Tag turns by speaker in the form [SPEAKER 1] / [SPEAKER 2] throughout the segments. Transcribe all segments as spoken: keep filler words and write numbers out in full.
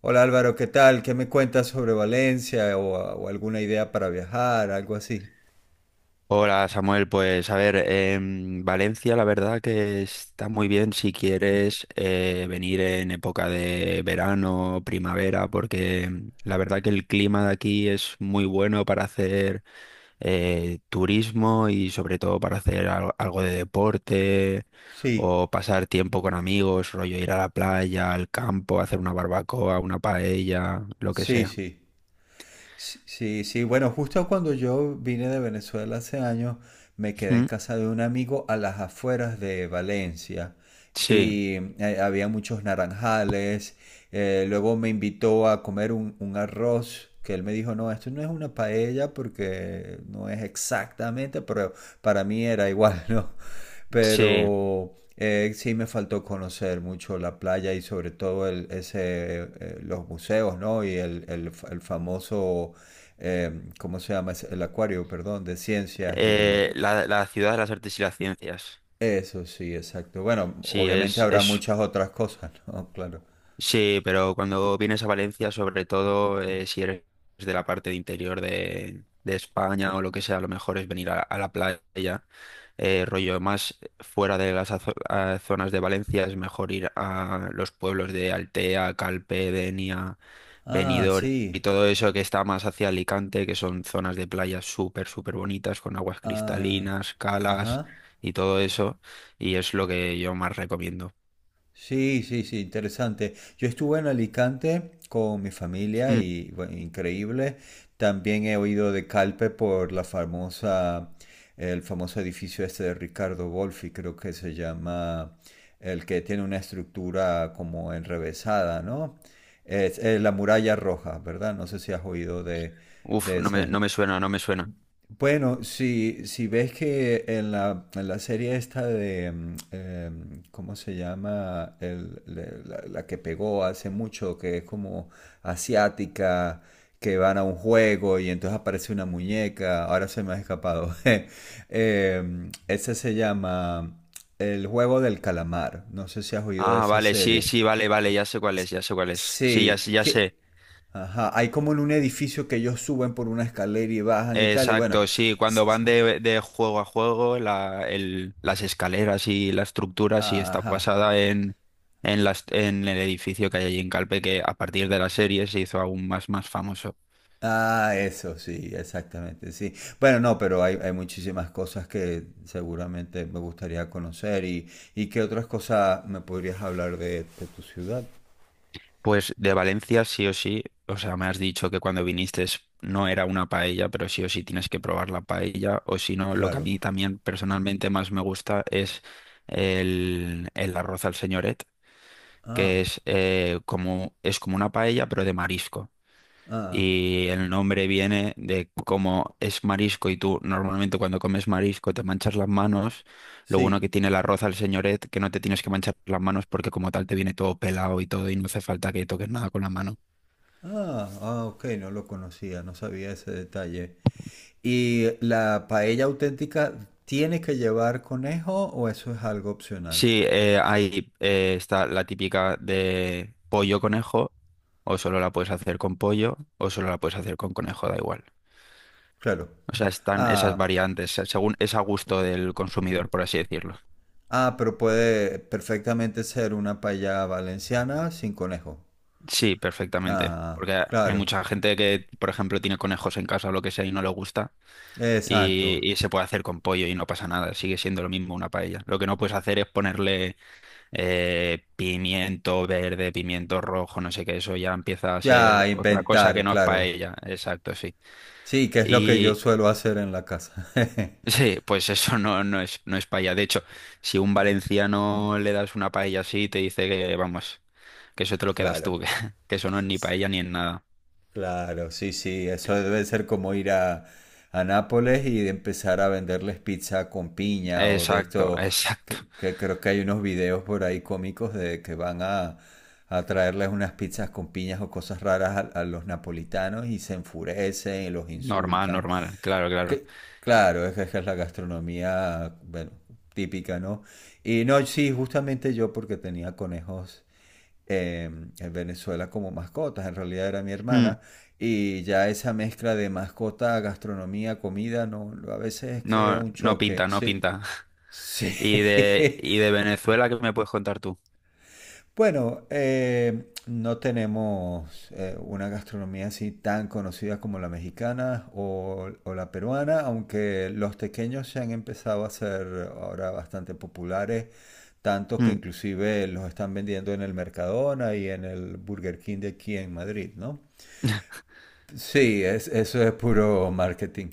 [SPEAKER 1] Hola Álvaro, ¿qué tal? ¿Qué me cuentas sobre Valencia o, o alguna idea para viajar, algo así?
[SPEAKER 2] Hola Samuel, pues a ver, em, Valencia la verdad que está muy bien si quieres eh, venir en época de verano, primavera, porque mm, la verdad que el clima de aquí es muy bueno para hacer eh, turismo y sobre todo para hacer al- algo, de deporte
[SPEAKER 1] Sí,
[SPEAKER 2] o pasar tiempo con amigos, rollo ir a la playa, al campo, hacer una barbacoa, una paella, lo que
[SPEAKER 1] sí,
[SPEAKER 2] sea.
[SPEAKER 1] sí. Sí, sí, sí. Bueno, justo cuando yo vine de Venezuela hace años, me quedé en
[SPEAKER 2] Mm,
[SPEAKER 1] casa de un amigo a las afueras de Valencia
[SPEAKER 2] sí,
[SPEAKER 1] y eh, había muchos naranjales. Eh, luego me invitó a comer un, un arroz que él me dijo, no, esto no es una paella porque no es exactamente, pero para mí era igual, ¿no?
[SPEAKER 2] sí.
[SPEAKER 1] Pero eh, sí me faltó conocer mucho la playa y sobre todo el, ese, eh, los museos, ¿no? Y el, el, fa- el famoso, eh, ¿cómo se llama? Es el acuario, perdón, de ciencias y
[SPEAKER 2] Eh, la, la ciudad de las artes y las ciencias.
[SPEAKER 1] eso, sí, exacto. Bueno,
[SPEAKER 2] Sí,
[SPEAKER 1] obviamente
[SPEAKER 2] es,
[SPEAKER 1] habrá
[SPEAKER 2] es,
[SPEAKER 1] muchas otras cosas, ¿no? Claro.
[SPEAKER 2] sí, pero cuando vienes a Valencia, sobre todo eh, si eres de la parte de interior de, de España o lo que sea, lo mejor es venir a, a la playa. Eh, rollo más fuera de las azo- a- zonas de Valencia, es mejor ir a los pueblos de Altea, Calpe, Denia,
[SPEAKER 1] Ah,
[SPEAKER 2] Benidorm y
[SPEAKER 1] sí.
[SPEAKER 2] todo eso que está más hacia Alicante, que son zonas de playa súper, súper bonitas, con aguas
[SPEAKER 1] Ah,
[SPEAKER 2] cristalinas, calas
[SPEAKER 1] ajá.
[SPEAKER 2] y todo eso. Y es lo que yo más recomiendo.
[SPEAKER 1] Sí, sí, sí, interesante. Yo estuve en Alicante con mi familia
[SPEAKER 2] Mm,
[SPEAKER 1] y bueno, increíble. También he oído de Calpe por la famosa, el famoso edificio este de Ricardo Wolfi, creo que se llama, el que tiene una estructura como enrevesada, ¿no? Es, eh, la muralla roja, ¿verdad? No sé si has oído de,
[SPEAKER 2] Uf,
[SPEAKER 1] de
[SPEAKER 2] no me,
[SPEAKER 1] ese.
[SPEAKER 2] no me suena, no me suena.
[SPEAKER 1] Bueno, si, si ves que en la, en la serie esta de, mm, em, ¿cómo se llama? El- le- la, la que pegó hace mucho, que es como asiática, que van a un juego y entonces aparece una muñeca, ahora se me ha escapado. Em, ese se llama El juego del calamar, no sé si has oído de
[SPEAKER 2] Ah,
[SPEAKER 1] esa
[SPEAKER 2] vale, sí,
[SPEAKER 1] serie.
[SPEAKER 2] sí, vale, vale, ya sé cuál
[SPEAKER 1] S-
[SPEAKER 2] es, ya sé cuál es. Sí, ya,
[SPEAKER 1] Sí,
[SPEAKER 2] sé- ya
[SPEAKER 1] que.
[SPEAKER 2] sé.
[SPEAKER 1] Ajá, hay como en un edificio que ellos suben por una escalera y bajan y tal, y bueno,
[SPEAKER 2] Exacto, sí, cuando van de, de juego a juego, la, el, las escaleras y la estructura sí está
[SPEAKER 1] ajá.
[SPEAKER 2] basada en, en, las, en el edificio que hay allí en Calpe, que a partir de la serie se hizo aún más, más famoso.
[SPEAKER 1] Ah, eso, sí, exactamente, sí. Bueno, no, pero hay, hay muchísimas cosas que seguramente me gustaría conocer y, y qué otras cosas me podrías hablar de, de tu ciudad,
[SPEAKER 2] Pues de Valencia sí o sí, o sea, me has dicho que cuando viniste es no era una paella, pero sí o sí tienes que probar la paella, o si no, lo que a
[SPEAKER 1] claro.
[SPEAKER 2] mí también personalmente más me gusta es el, el arroz al señoret
[SPEAKER 1] Ah,
[SPEAKER 2] que es, eh, como, es como una paella, pero de marisco.
[SPEAKER 1] ah,
[SPEAKER 2] Y el nombre viene de cómo es marisco y tú normalmente cuando comes marisco te manchas las manos. Lo bueno que
[SPEAKER 1] sí.
[SPEAKER 2] tiene el arroz al señoret, que no te tienes que manchar las manos porque como tal te viene todo pelado y todo y no hace falta que toques nada con la mano.
[SPEAKER 1] Ah, ah, ok, no lo conocía, no sabía ese detalle. ¿Y la paella auténtica tiene que llevar conejo o eso es algo opcional?
[SPEAKER 2] Sí, eh, ahí eh, está la típica de pollo conejo, o solo la puedes hacer con pollo, o solo la puedes hacer con conejo, da igual.
[SPEAKER 1] Claro.
[SPEAKER 2] O sea, están esas
[SPEAKER 1] Ah.
[SPEAKER 2] variantes, se- según es a gusto del consumidor, por así decirlo.
[SPEAKER 1] Ah, pero puede perfectamente ser una paella valenciana sin conejo.
[SPEAKER 2] Sí, perfectamente.
[SPEAKER 1] Ah,
[SPEAKER 2] Porque hay
[SPEAKER 1] claro.
[SPEAKER 2] mucha gente que, por ejemplo, tiene conejos en casa o lo que sea y no le gusta
[SPEAKER 1] Exacto.
[SPEAKER 2] y, y se puede hacer con pollo y no pasa nada, sigue siendo lo mismo una paella. Lo que no puedes hacer es ponerle eh, pimiento verde, pimiento rojo, no sé qué, eso ya empieza a
[SPEAKER 1] Ya
[SPEAKER 2] ser otra cosa que
[SPEAKER 1] inventar,
[SPEAKER 2] no es
[SPEAKER 1] claro.
[SPEAKER 2] paella. Exacto, sí.
[SPEAKER 1] Sí, que es lo que yo
[SPEAKER 2] Y
[SPEAKER 1] suelo hacer en la casa.
[SPEAKER 2] sí, pues eso no, no es, no es paella. De hecho, si un valenciano le das una paella así, te dice que, vamos. Que eso te lo quedas tú,
[SPEAKER 1] Claro.
[SPEAKER 2] que, que eso no es ni paella ni en nada.
[SPEAKER 1] Claro, sí, sí, eso debe ser como ir a, a Nápoles y de empezar a venderles pizza con piña o de
[SPEAKER 2] Exacto,
[SPEAKER 1] esto,
[SPEAKER 2] exacto.
[SPEAKER 1] que, que creo que hay unos videos por ahí cómicos de que van a, a traerles unas pizzas con piñas o cosas raras a, a los napolitanos y se enfurecen y los
[SPEAKER 2] Normal,
[SPEAKER 1] insultan.
[SPEAKER 2] normal, claro, claro.
[SPEAKER 1] Que, claro, es que es que es la gastronomía, bueno, típica, ¿no? Y no, sí, justamente yo porque tenía conejos eh, en Venezuela como mascotas, en realidad era mi
[SPEAKER 2] Mm,
[SPEAKER 1] hermana, y ya esa mezcla de mascota, gastronomía, comida, no, a veces crea
[SPEAKER 2] no,
[SPEAKER 1] un
[SPEAKER 2] no
[SPEAKER 1] choque,
[SPEAKER 2] pinta, no
[SPEAKER 1] sí.
[SPEAKER 2] pinta.
[SPEAKER 1] Sí,
[SPEAKER 2] ¿Y de, y de Venezuela qué me puedes contar tú?
[SPEAKER 1] bueno, eh, no tenemos eh, una gastronomía así tan conocida como la mexicana o, o la peruana, aunque los tequeños se han empezado a ser ahora bastante populares, tanto que
[SPEAKER 2] Mm.
[SPEAKER 1] inclusive los están vendiendo en el Mercadona y en el Burger King de aquí en Madrid, ¿no? Sí, es- eso es puro marketing.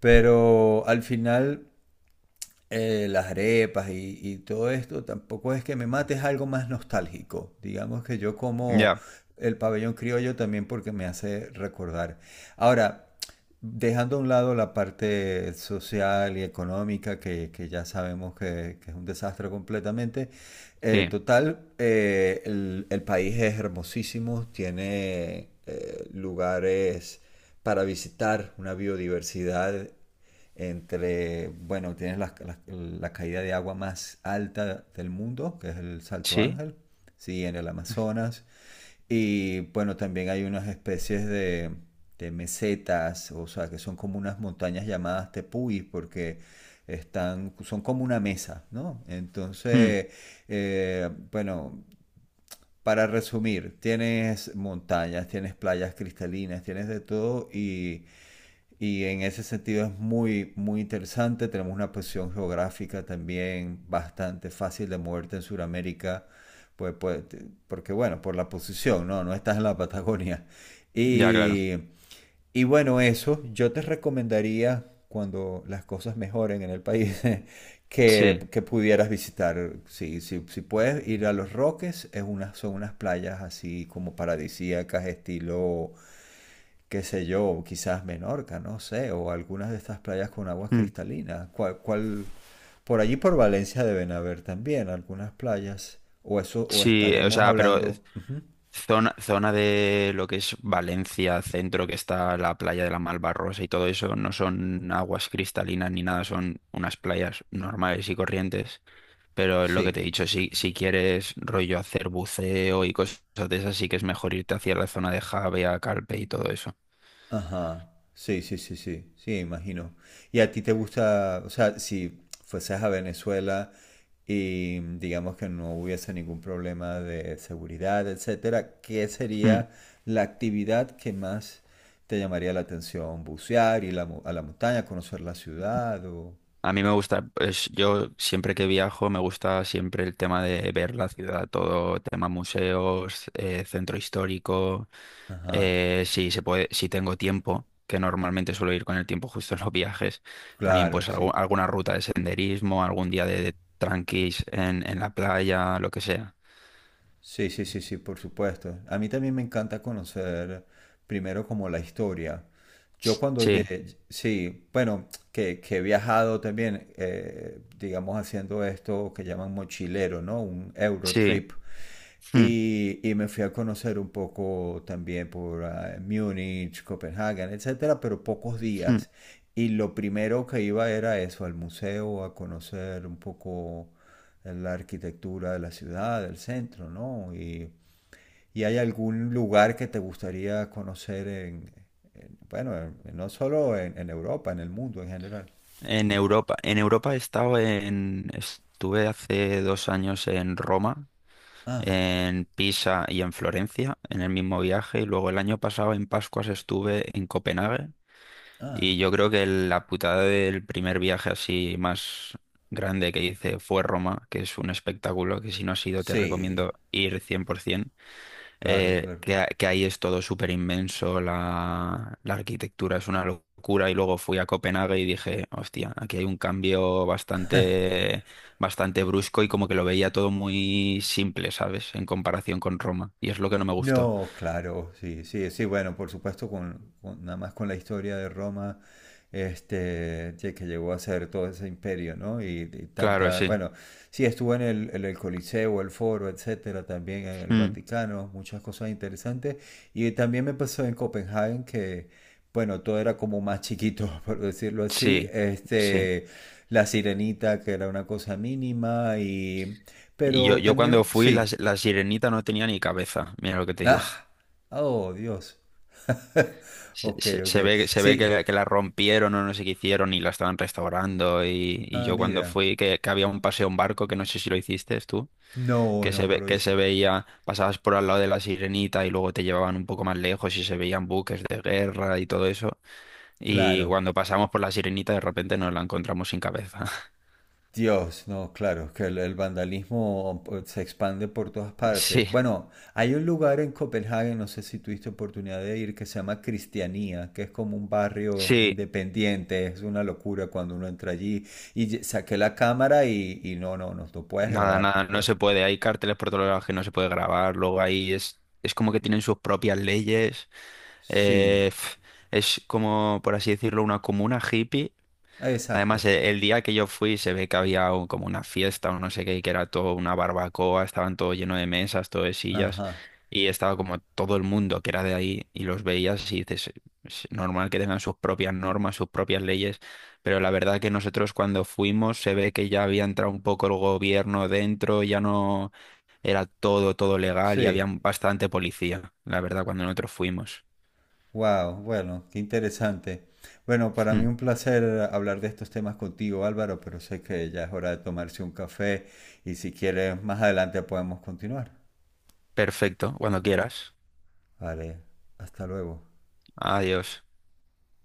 [SPEAKER 1] Pero al final eh, las arepas y, y todo esto, tampoco es que me mate, es algo más nostálgico. Digamos que yo como
[SPEAKER 2] Ya,
[SPEAKER 1] el pabellón criollo también porque me hace recordar. Ahora, dejando a un lado la parte social y económica, que, que ya sabemos que, que es un desastre completamente, eh,
[SPEAKER 2] sí.
[SPEAKER 1] total, eh, el, el país es hermosísimo, tiene eh, lugares para visitar, una biodiversidad entre, bueno, tienes la, la- la caída de agua más alta del mundo, que es el Salto
[SPEAKER 2] ¿Sí?
[SPEAKER 1] Ángel, sí, en el Amazonas. Y bueno, también hay unas especies de, de mesetas, o sea, que son como unas montañas llamadas tepuis, porque están, son como una mesa, ¿no?
[SPEAKER 2] Mm,
[SPEAKER 1] Entonces, eh, bueno, para resumir, tienes montañas, tienes playas cristalinas, tienes de todo y y en ese sentido es muy, muy interesante. Tenemos una posición geográfica también bastante fácil de moverte en Sudamérica, pues, pues, te- porque bueno, por la posición, ¿no? No estás en la Patagonia.
[SPEAKER 2] ya, claro.
[SPEAKER 1] Y, y bueno, eso, yo te recomendaría, cuando las cosas mejoren en el país, que,
[SPEAKER 2] Sí.
[SPEAKER 1] que pudieras visitar. Si, si, si puedes ir a Los Roques, es una, son unas playas así como paradisíacas, estilo qué sé yo, quizás Menorca, no sé, o algunas de estas playas con aguas
[SPEAKER 2] Mm,
[SPEAKER 1] cristalinas. ¿Cuál, cuál... Por allí por Valencia deben haber también algunas playas, o eso, o
[SPEAKER 2] sí, o
[SPEAKER 1] estaríamos
[SPEAKER 2] sea, pero
[SPEAKER 1] hablando,
[SPEAKER 2] zona, zona de lo que es Valencia, centro, que está la playa de la Malvarrosa y todo eso, no son aguas cristalinas ni nada, son unas playas normales y corrientes. Pero es lo que te
[SPEAKER 1] sí,
[SPEAKER 2] he dicho, si, si quieres rollo hacer buceo y cosas de esas, sí que es mejor irte hacia la zona de Javea, Calpe y todo eso.
[SPEAKER 1] ajá, sí, sí, sí, sí, sí, imagino. ¿Y a ti te gusta, o sea, si fueses a Venezuela y digamos que no hubiese ningún problema de seguridad, etcétera, qué
[SPEAKER 2] Mm.
[SPEAKER 1] sería la actividad que más te llamaría la atención? ¿Bucear, ir a la, mo- a la montaña, conocer la ciudad o...?
[SPEAKER 2] A mí me gusta, pues yo siempre que viajo me gusta siempre el tema de ver la ciudad, todo tema museos, eh, centro histórico,
[SPEAKER 1] Ajá,
[SPEAKER 2] eh, si se puede, si tengo tiempo, que normalmente suelo ir con el tiempo justo en los viajes, también
[SPEAKER 1] claro,
[SPEAKER 2] pues
[SPEAKER 1] sí.
[SPEAKER 2] algu- alguna ruta de senderismo, algún día de, de tranquis en, en la playa, lo que sea.
[SPEAKER 1] Sí, sí, sí, sí, por supuesto. A mí también me encanta conocer primero como la historia. Yo cuando
[SPEAKER 2] Sí,
[SPEAKER 1] llegué, sí, bueno, que, que he viajado también, eh, digamos, haciendo esto que llaman mochilero, ¿no? Un
[SPEAKER 2] sí.
[SPEAKER 1] Eurotrip.
[SPEAKER 2] Hmm.
[SPEAKER 1] Y, y me fui a conocer un poco también por ah, Múnich, Copenhague, etcétera, pero pocos
[SPEAKER 2] Mm.
[SPEAKER 1] días. Y lo primero que iba era eso, al museo, a conocer un poco la arquitectura de la ciudad, del centro, ¿no? Y, y hay algún lugar que te gustaría conocer en, en- bueno, en- no solo en, en Europa, en el mundo en general.
[SPEAKER 2] En Europa, en Europa he estado en, estuve hace dos años en Roma,
[SPEAKER 1] Ah,
[SPEAKER 2] en Pisa y en Florencia, en el mismo viaje, y luego el año pasado en Pascuas estuve en Copenhague,
[SPEAKER 1] ah,
[SPEAKER 2] y yo creo que la putada del primer viaje así más grande que hice fue Roma, que es un espectáculo que si no has ido te
[SPEAKER 1] sí,
[SPEAKER 2] recomiendo ir cien por ciento.
[SPEAKER 1] claro,
[SPEAKER 2] eh,
[SPEAKER 1] claro.
[SPEAKER 2] que, que ahí es todo súper inmenso, la, la arquitectura es una locura y luego fui a Copenhague y dije, hostia, aquí hay un cambio bastante, bastante brusco y como que lo veía todo muy simple, ¿sabes? En comparación con Roma y es lo que no me gustó.
[SPEAKER 1] No, claro, sí, sí, sí, bueno, por supuesto, con, con- nada más con la historia de Roma, este, que que llegó a ser todo ese imperio, ¿no? Y, y
[SPEAKER 2] Claro,
[SPEAKER 1] tanta,
[SPEAKER 2] sí.
[SPEAKER 1] bueno, sí, estuvo en el, en el Coliseo, el Foro, etcétera, también en el
[SPEAKER 2] Mm,
[SPEAKER 1] Vaticano, muchas cosas interesantes. Y también me pasó en Copenhague que, bueno, todo era como más chiquito, por decirlo así,
[SPEAKER 2] sí, sí.
[SPEAKER 1] este, la sirenita, que era una cosa mínima, y,
[SPEAKER 2] Y yo,
[SPEAKER 1] pero
[SPEAKER 2] yo cuando
[SPEAKER 1] también,
[SPEAKER 2] fui, la,
[SPEAKER 1] sí.
[SPEAKER 2] la Sirenita no tenía ni cabeza, mira lo que te digo.
[SPEAKER 1] Ah, oh, Dios.
[SPEAKER 2] Se,
[SPEAKER 1] Ok,
[SPEAKER 2] se- se
[SPEAKER 1] ok.
[SPEAKER 2] ve, se ve
[SPEAKER 1] Sí.
[SPEAKER 2] que, la que la rompieron o no sé qué hicieron y la estaban restaurando y, y
[SPEAKER 1] Ah,
[SPEAKER 2] yo cuando
[SPEAKER 1] mira.
[SPEAKER 2] fui, que, que había un paseo en barco, que no sé si lo hiciste tú,
[SPEAKER 1] No,
[SPEAKER 2] que
[SPEAKER 1] no,
[SPEAKER 2] se
[SPEAKER 1] no
[SPEAKER 2] ve,
[SPEAKER 1] lo
[SPEAKER 2] que se
[SPEAKER 1] hice.
[SPEAKER 2] veía, pasabas por al lado de la Sirenita y luego te llevaban un poco más lejos y se veían buques de guerra y todo eso. Y
[SPEAKER 1] Claro.
[SPEAKER 2] cuando pasamos por la Sirenita de repente nos la encontramos sin cabeza.
[SPEAKER 1] Dios, no, claro, que el, el vandalismo eh, se expande por todas partes.
[SPEAKER 2] Sí,
[SPEAKER 1] Bueno, hay un lugar en Copenhague, no sé si tuviste oportunidad de ir, que se llama Cristianía, que es como un barrio
[SPEAKER 2] sí,
[SPEAKER 1] independiente, es una locura cuando uno entra allí. Y ye- saqué la cámara y, y no, no, no, no puedes
[SPEAKER 2] nada,
[SPEAKER 1] grabar, no
[SPEAKER 2] nada, no
[SPEAKER 1] puedes.
[SPEAKER 2] se puede. Hay carteles por todos lados que no se puede grabar, luego ahí es, es como que tienen sus propias leyes.
[SPEAKER 1] Sí,
[SPEAKER 2] Eh, pf, es como, por así decirlo, una comuna hippie.
[SPEAKER 1] ah,
[SPEAKER 2] Además,
[SPEAKER 1] exacto.
[SPEAKER 2] e- el, día que yo fui se ve que había un- como una fiesta o no sé qué, que era todo una barbacoa, estaban todo lleno de mesas, todo de sillas,
[SPEAKER 1] Ajá,
[SPEAKER 2] y estaba como todo el mundo que era de ahí y los veías y dices, es normal que tengan sus propias normas, sus propias leyes, pero la verdad que nosotros cuando fuimos se ve que ya había entrado un poco el gobierno dentro, ya no era todo, todo legal y había
[SPEAKER 1] sí.
[SPEAKER 2] bastante policía, la verdad, cuando nosotros fuimos.
[SPEAKER 1] Wow, bueno, qué interesante. Bueno, para mí
[SPEAKER 2] Hmm.
[SPEAKER 1] un placer hablar de estos temas contigo, Álvaro, pero sé que ya es hora de tomarse un café y si quieres, más adelante podemos continuar.
[SPEAKER 2] Perfecto, cuando quieras.
[SPEAKER 1] Vale, hasta luego.
[SPEAKER 2] Adiós.